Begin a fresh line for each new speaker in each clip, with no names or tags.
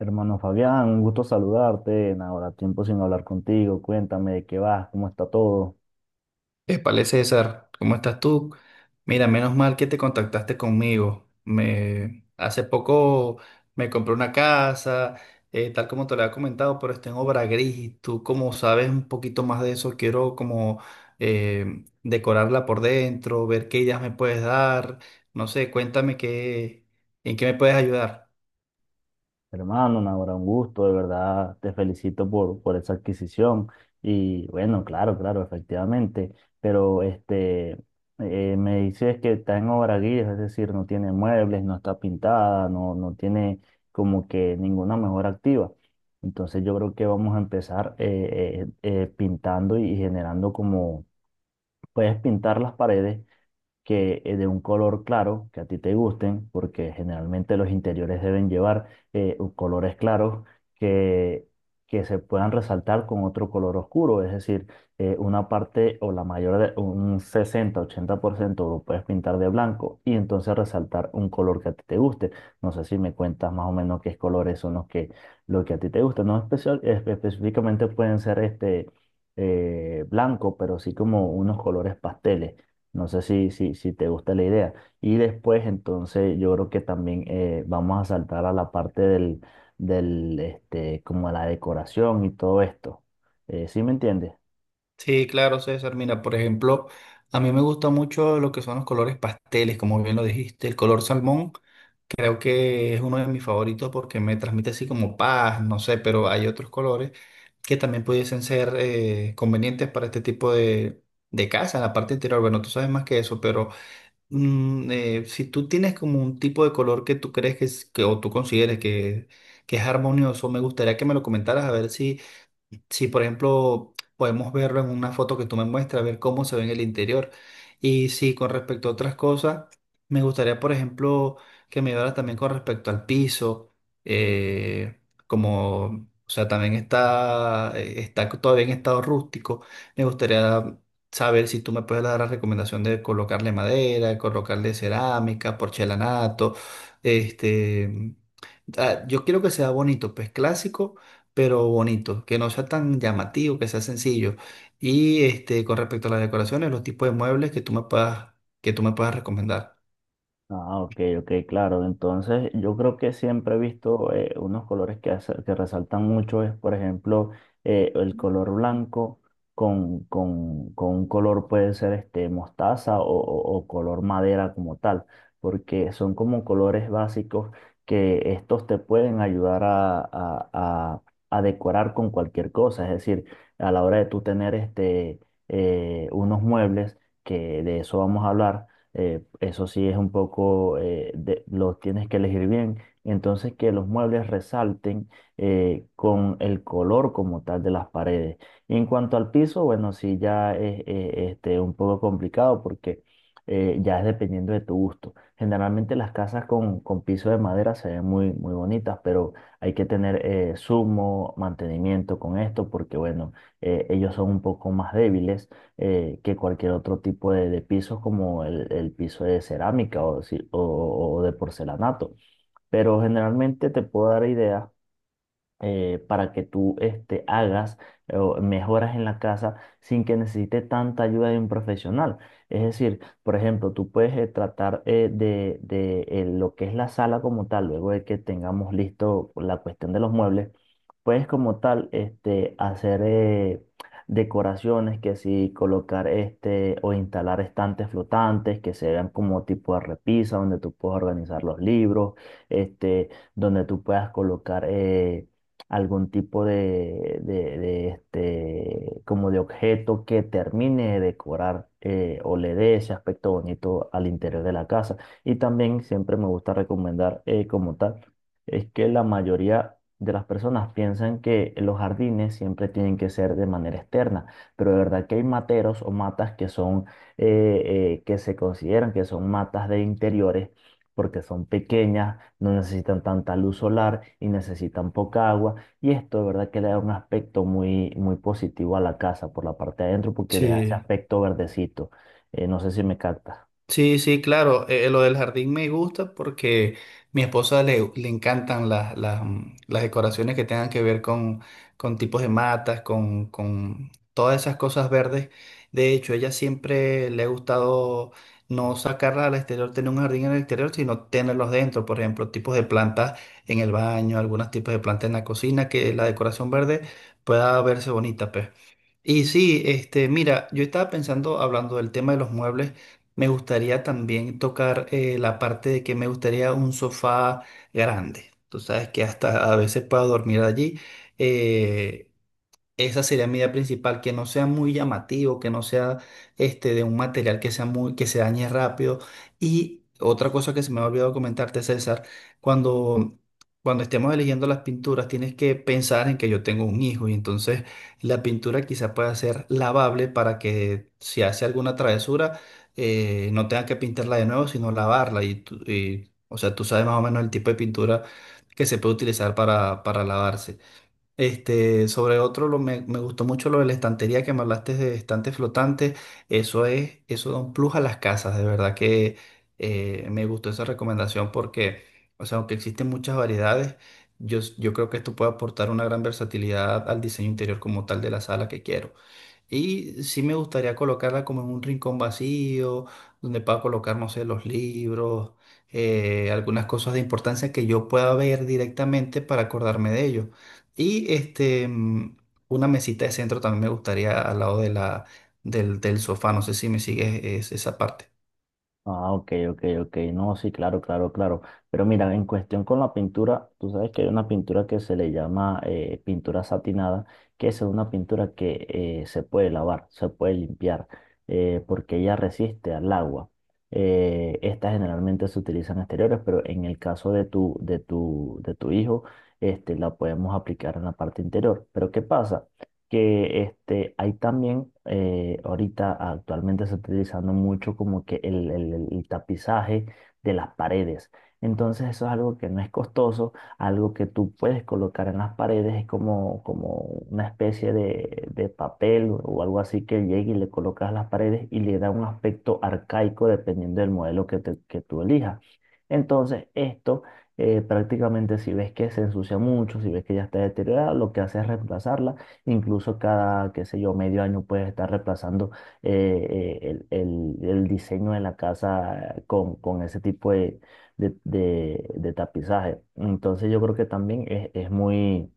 Hermano Fabián, un gusto saludarte. Ahora tiempo sin hablar contigo. Cuéntame de qué vas, cómo está todo.
Épale, César, ¿cómo estás tú? Mira, menos mal que te contactaste conmigo. Hace poco me compré una casa, tal como te lo había comentado, pero está en obra gris. Y Tú, como sabes un poquito más de eso, quiero como decorarla por dentro, ver qué ideas me puedes dar. No sé, en qué me puedes ayudar.
Hermano, Nahora, un gusto, de verdad te felicito por esa adquisición. Y bueno, claro, claro, efectivamente. Pero me dices que está en obra guía, es decir, no tiene muebles, no está pintada, no tiene como que ninguna mejora activa. Entonces yo creo que vamos a empezar pintando y generando como, puedes pintar las paredes que de un color claro, que a ti te gusten, porque generalmente los interiores deben llevar colores claros que, que se puedan resaltar con otro color oscuro, es decir, una parte o la mayor de un 60-80% lo puedes pintar de blanco y entonces resaltar un color que a ti te guste. No sé si me cuentas más o menos qué colores son lo que a ti te gusta. No especial, espe- específicamente pueden ser blanco, pero sí como unos colores pasteles. No sé si te gusta la idea. Y después, entonces, yo creo que también vamos a saltar a la parte este, como la decoración y todo esto. ¿Sí me entiendes?
Sí, claro, César. Mira, por ejemplo, a mí me gusta mucho lo que son los colores pasteles, como bien lo dijiste, el color salmón. Creo que es uno de mis favoritos porque me transmite así como paz, no sé, pero hay otros colores que también pudiesen ser convenientes para este de casa, en la parte interior. Bueno, tú sabes más que eso, pero si tú tienes como un tipo de color que tú que o tú consideres que es armonioso, me gustaría que me lo comentaras a ver si si, por ejemplo, podemos verlo en una foto que tú me muestras, ver cómo se ve en el interior. Y sí, con respecto a otras cosas, me gustaría, por ejemplo, que me hablara también con respecto al piso, eh, o sea, también está todavía en estado rústico. Me gustaría saber si tú me puedes dar la recomendación de colocarle madera, colocarle cerámica, porcelanato, este yo quiero que sea bonito, pues clásico, pero bonito, que no sea tan llamativo, que sea sencillo. Y este, con respecto a las decoraciones, los tipos de muebles que tú me puedas recomendar.
Ah, ok, ok, claro. Entonces, yo creo que siempre he visto unos colores que resaltan mucho, es por ejemplo el color blanco con un color puede ser este mostaza o color madera como tal, porque son como colores básicos que estos te pueden ayudar a decorar con cualquier cosa. Es decir, a la hora de tú tener unos muebles, que de eso vamos a hablar, eso sí es un poco, lo tienes que elegir bien. Entonces que los muebles resalten con el color como tal de las paredes. Y en cuanto al piso, bueno, sí ya es este, un poco complicado porque ya es dependiendo de tu gusto. Generalmente las casas con piso de madera se ven muy, muy bonitas, pero hay que tener sumo mantenimiento con esto porque, bueno, ellos son un poco más débiles que cualquier otro tipo de pisos como el piso de cerámica o, si- o de porcelanato. Pero generalmente te puedo dar ideas para que tú este, hagas o mejoras en la casa sin que necesite tanta ayuda de un profesional. Es decir, por ejemplo, tú puedes tratar lo que es la sala como tal, luego de que tengamos listo la cuestión de los muebles, puedes como tal este, hacer decoraciones que si colocar este o instalar estantes flotantes que se vean como tipo de repisa donde tú puedas organizar los libros, este, donde tú puedas colocar algún tipo este, como de objeto que termine de decorar, o le dé ese aspecto bonito al interior de la casa. Y también siempre me gusta recomendar como tal, es que la mayoría de las personas piensan que los jardines siempre tienen que ser de manera externa, pero de verdad que hay materos o matas que son, eh, que se consideran que son matas de interiores porque son pequeñas, no necesitan tanta luz solar y necesitan poca agua y esto, de verdad, que le da un aspecto muy, muy positivo a la casa por la parte de adentro porque le da ese
Sí.
aspecto verdecito. No sé si me captas.
Sí, sí, claro. Lo del jardín me gusta porque mi esposa le encantan las decoraciones que tengan que ver con tipos de matas, con todas esas cosas verdes. De hecho, ella siempre le ha gustado no sacarla al exterior, tener un jardín en el exterior, sino tenerlos dentro. Por ejemplo, tipos de plantas en el baño, algunos tipos de plantas en la cocina, que la decoración verde pueda verse bonita, pues. Y sí, este, mira, yo estaba pensando, hablando del tema de los muebles. Me gustaría también tocar la parte de que me gustaría un sofá grande. Tú sabes que hasta a veces puedo dormir allí. Eh, Esa sería mi idea principal, que no sea muy llamativo, que no sea este de un material que se dañe rápido. Y otra cosa que se me ha olvidado comentarte, César, cuando, cuando estemos eligiendo las pinturas, tienes que pensar en que yo tengo un hijo y entonces la pintura quizá pueda ser lavable para que si hace alguna travesura, no tenga que pintarla de nuevo, sino lavarla. O sea, tú sabes más o menos el tipo de pintura que se puede utilizar para lavarse. Este, sobre otro, me gustó mucho lo de la estantería que me hablaste de estantes flotantes. Eso es, eso da un plus a las casas. De verdad que me gustó esa recomendación porque, o sea, aunque existen muchas variedades, yo creo que esto puede aportar una gran versatilidad al diseño interior como tal de la sala que quiero. Y sí me gustaría colocarla como en un rincón vacío, donde pueda colocar, no sé, los libros, algunas cosas de importancia que yo pueda ver directamente para acordarme de ello. Y este, una mesita de centro también me gustaría al lado del sofá. No sé si me sigues esa parte.
Ah, ok, ok, ok. No, sí, claro, claro, claro. Pero mira, en cuestión con la pintura, tú sabes que hay una pintura que se le llama pintura satinada, que es una pintura que se puede lavar, se puede limpiar, porque ella resiste al agua. Estas generalmente se utilizan en exteriores, pero en el caso de tu hijo, este, la podemos aplicar en la parte interior. Pero ¿qué pasa? Que este, hay también, ahorita actualmente se está utilizando mucho como que el tapizaje de las paredes. Entonces eso es algo que no es costoso, algo que tú puedes colocar en las paredes, es como una especie de papel o algo así que llegue y le colocas a las paredes y le da un aspecto arcaico dependiendo del modelo que tú elijas. Entonces esto prácticamente si ves que se ensucia mucho, si ves que ya está deteriorada, lo que hace es reemplazarla. Incluso cada, qué sé yo, medio año puedes estar reemplazando el, el diseño de la casa con ese tipo de tapizaje. Entonces yo creo que también es muy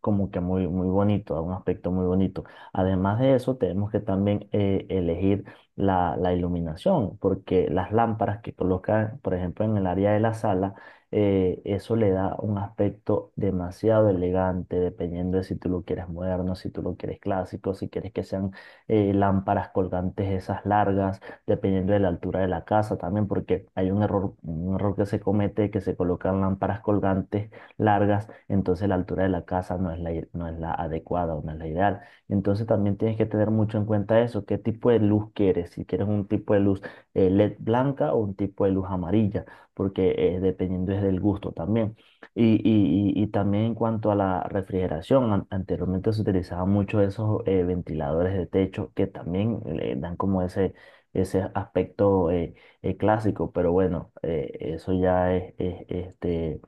como que muy, muy bonito, un aspecto muy bonito. Además de eso, tenemos que también elegir la iluminación, porque las lámparas que colocan, por ejemplo, en el área de la sala, eso le da un aspecto demasiado elegante, dependiendo de si tú lo quieres moderno, si tú lo quieres clásico, si quieres que sean lámparas colgantes esas largas, dependiendo de la altura de la casa también, porque hay un error que se comete, que se colocan lámparas colgantes largas, entonces la altura de la casa no es la adecuada o no es la ideal. Entonces también tienes que tener mucho en cuenta eso, qué tipo de luz quieres, si quieres un tipo de luz LED blanca o un tipo de luz amarilla, porque dependiendo es del gusto también. Y también en cuanto a la refrigeración, anteriormente se utilizaban mucho esos ventiladores de techo que también le dan como ese aspecto clásico, pero bueno, eso ya este,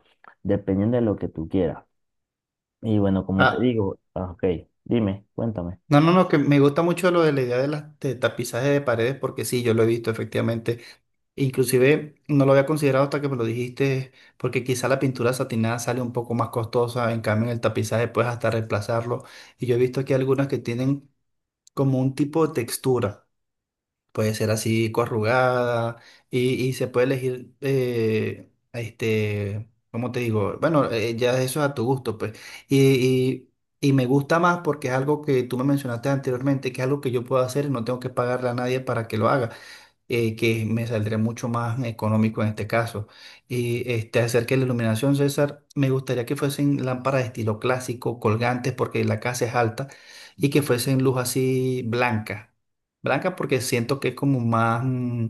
dependiendo de lo que tú quieras. Y bueno, como te
Ah,
digo, ah, ok, dime, cuéntame.
no, no, no, que me gusta mucho lo de la idea de las de tapizaje de paredes, porque sí, yo lo he visto efectivamente. Inclusive no lo había considerado hasta que me lo dijiste, porque quizá la pintura satinada sale un poco más costosa, en cambio en el tapizaje puedes hasta reemplazarlo. Y yo he visto aquí algunas que tienen como un tipo de textura, puede ser así corrugada y se puede elegir, este, ¿cómo te digo? Bueno, ya eso es a tu gusto, pues. Y, y, y me gusta más porque es algo que tú me mencionaste anteriormente, que es algo que yo puedo hacer y no tengo que pagarle a nadie para que lo haga, que me saldría mucho más económico en este caso. Y este, acerca de la iluminación, César, me gustaría que fuesen lámparas de estilo clásico, colgantes, porque la casa es alta, y que fuesen luz así blanca. Blanca porque siento que es como más, mm,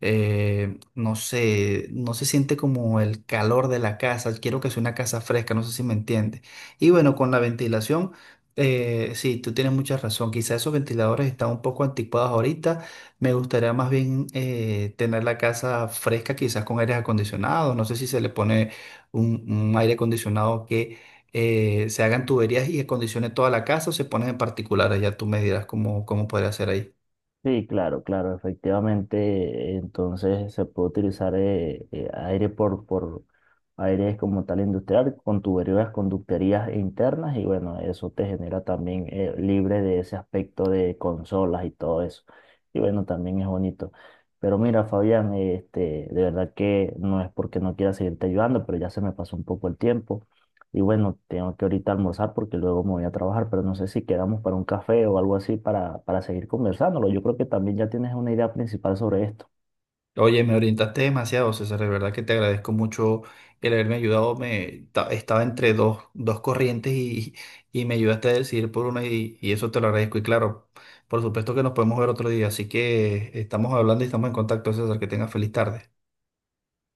eh, no sé, no se siente como el calor de la casa. Quiero que sea una casa fresca, no sé si me entiende. Y bueno, con la ventilación, sí, tú tienes mucha razón. Quizás esos ventiladores están un poco anticuados ahorita. Me gustaría más bien tener la casa fresca, quizás con aires acondicionados. No sé si se le pone un aire acondicionado que se hagan tuberías y acondicione toda la casa o se ponen en particular. Ya tú me dirás cómo podría ser ahí.
Sí, claro, claro, efectivamente, entonces se puede utilizar aire por aire como tal industrial, con tuberías, conductorías internas y bueno, eso te genera también libre de ese aspecto de consolas y todo eso. Y bueno, también es bonito. Pero mira, Fabián, este, de verdad que no es porque no quiera seguirte ayudando, pero ya se me pasó un poco el tiempo. Y bueno, tengo que ahorita almorzar porque luego me voy a trabajar, pero no sé si quedamos para un café o algo así para seguir conversándolo. Yo creo que también ya tienes una idea principal sobre esto.
Oye, me orientaste demasiado, César. De verdad que te agradezco mucho el haberme ayudado. Estaba entre dos corrientes y me ayudaste a decidir por una y eso te lo agradezco. Y claro, por supuesto que nos podemos ver otro día. Así que estamos hablando y estamos en contacto, César. Que tengas feliz tarde.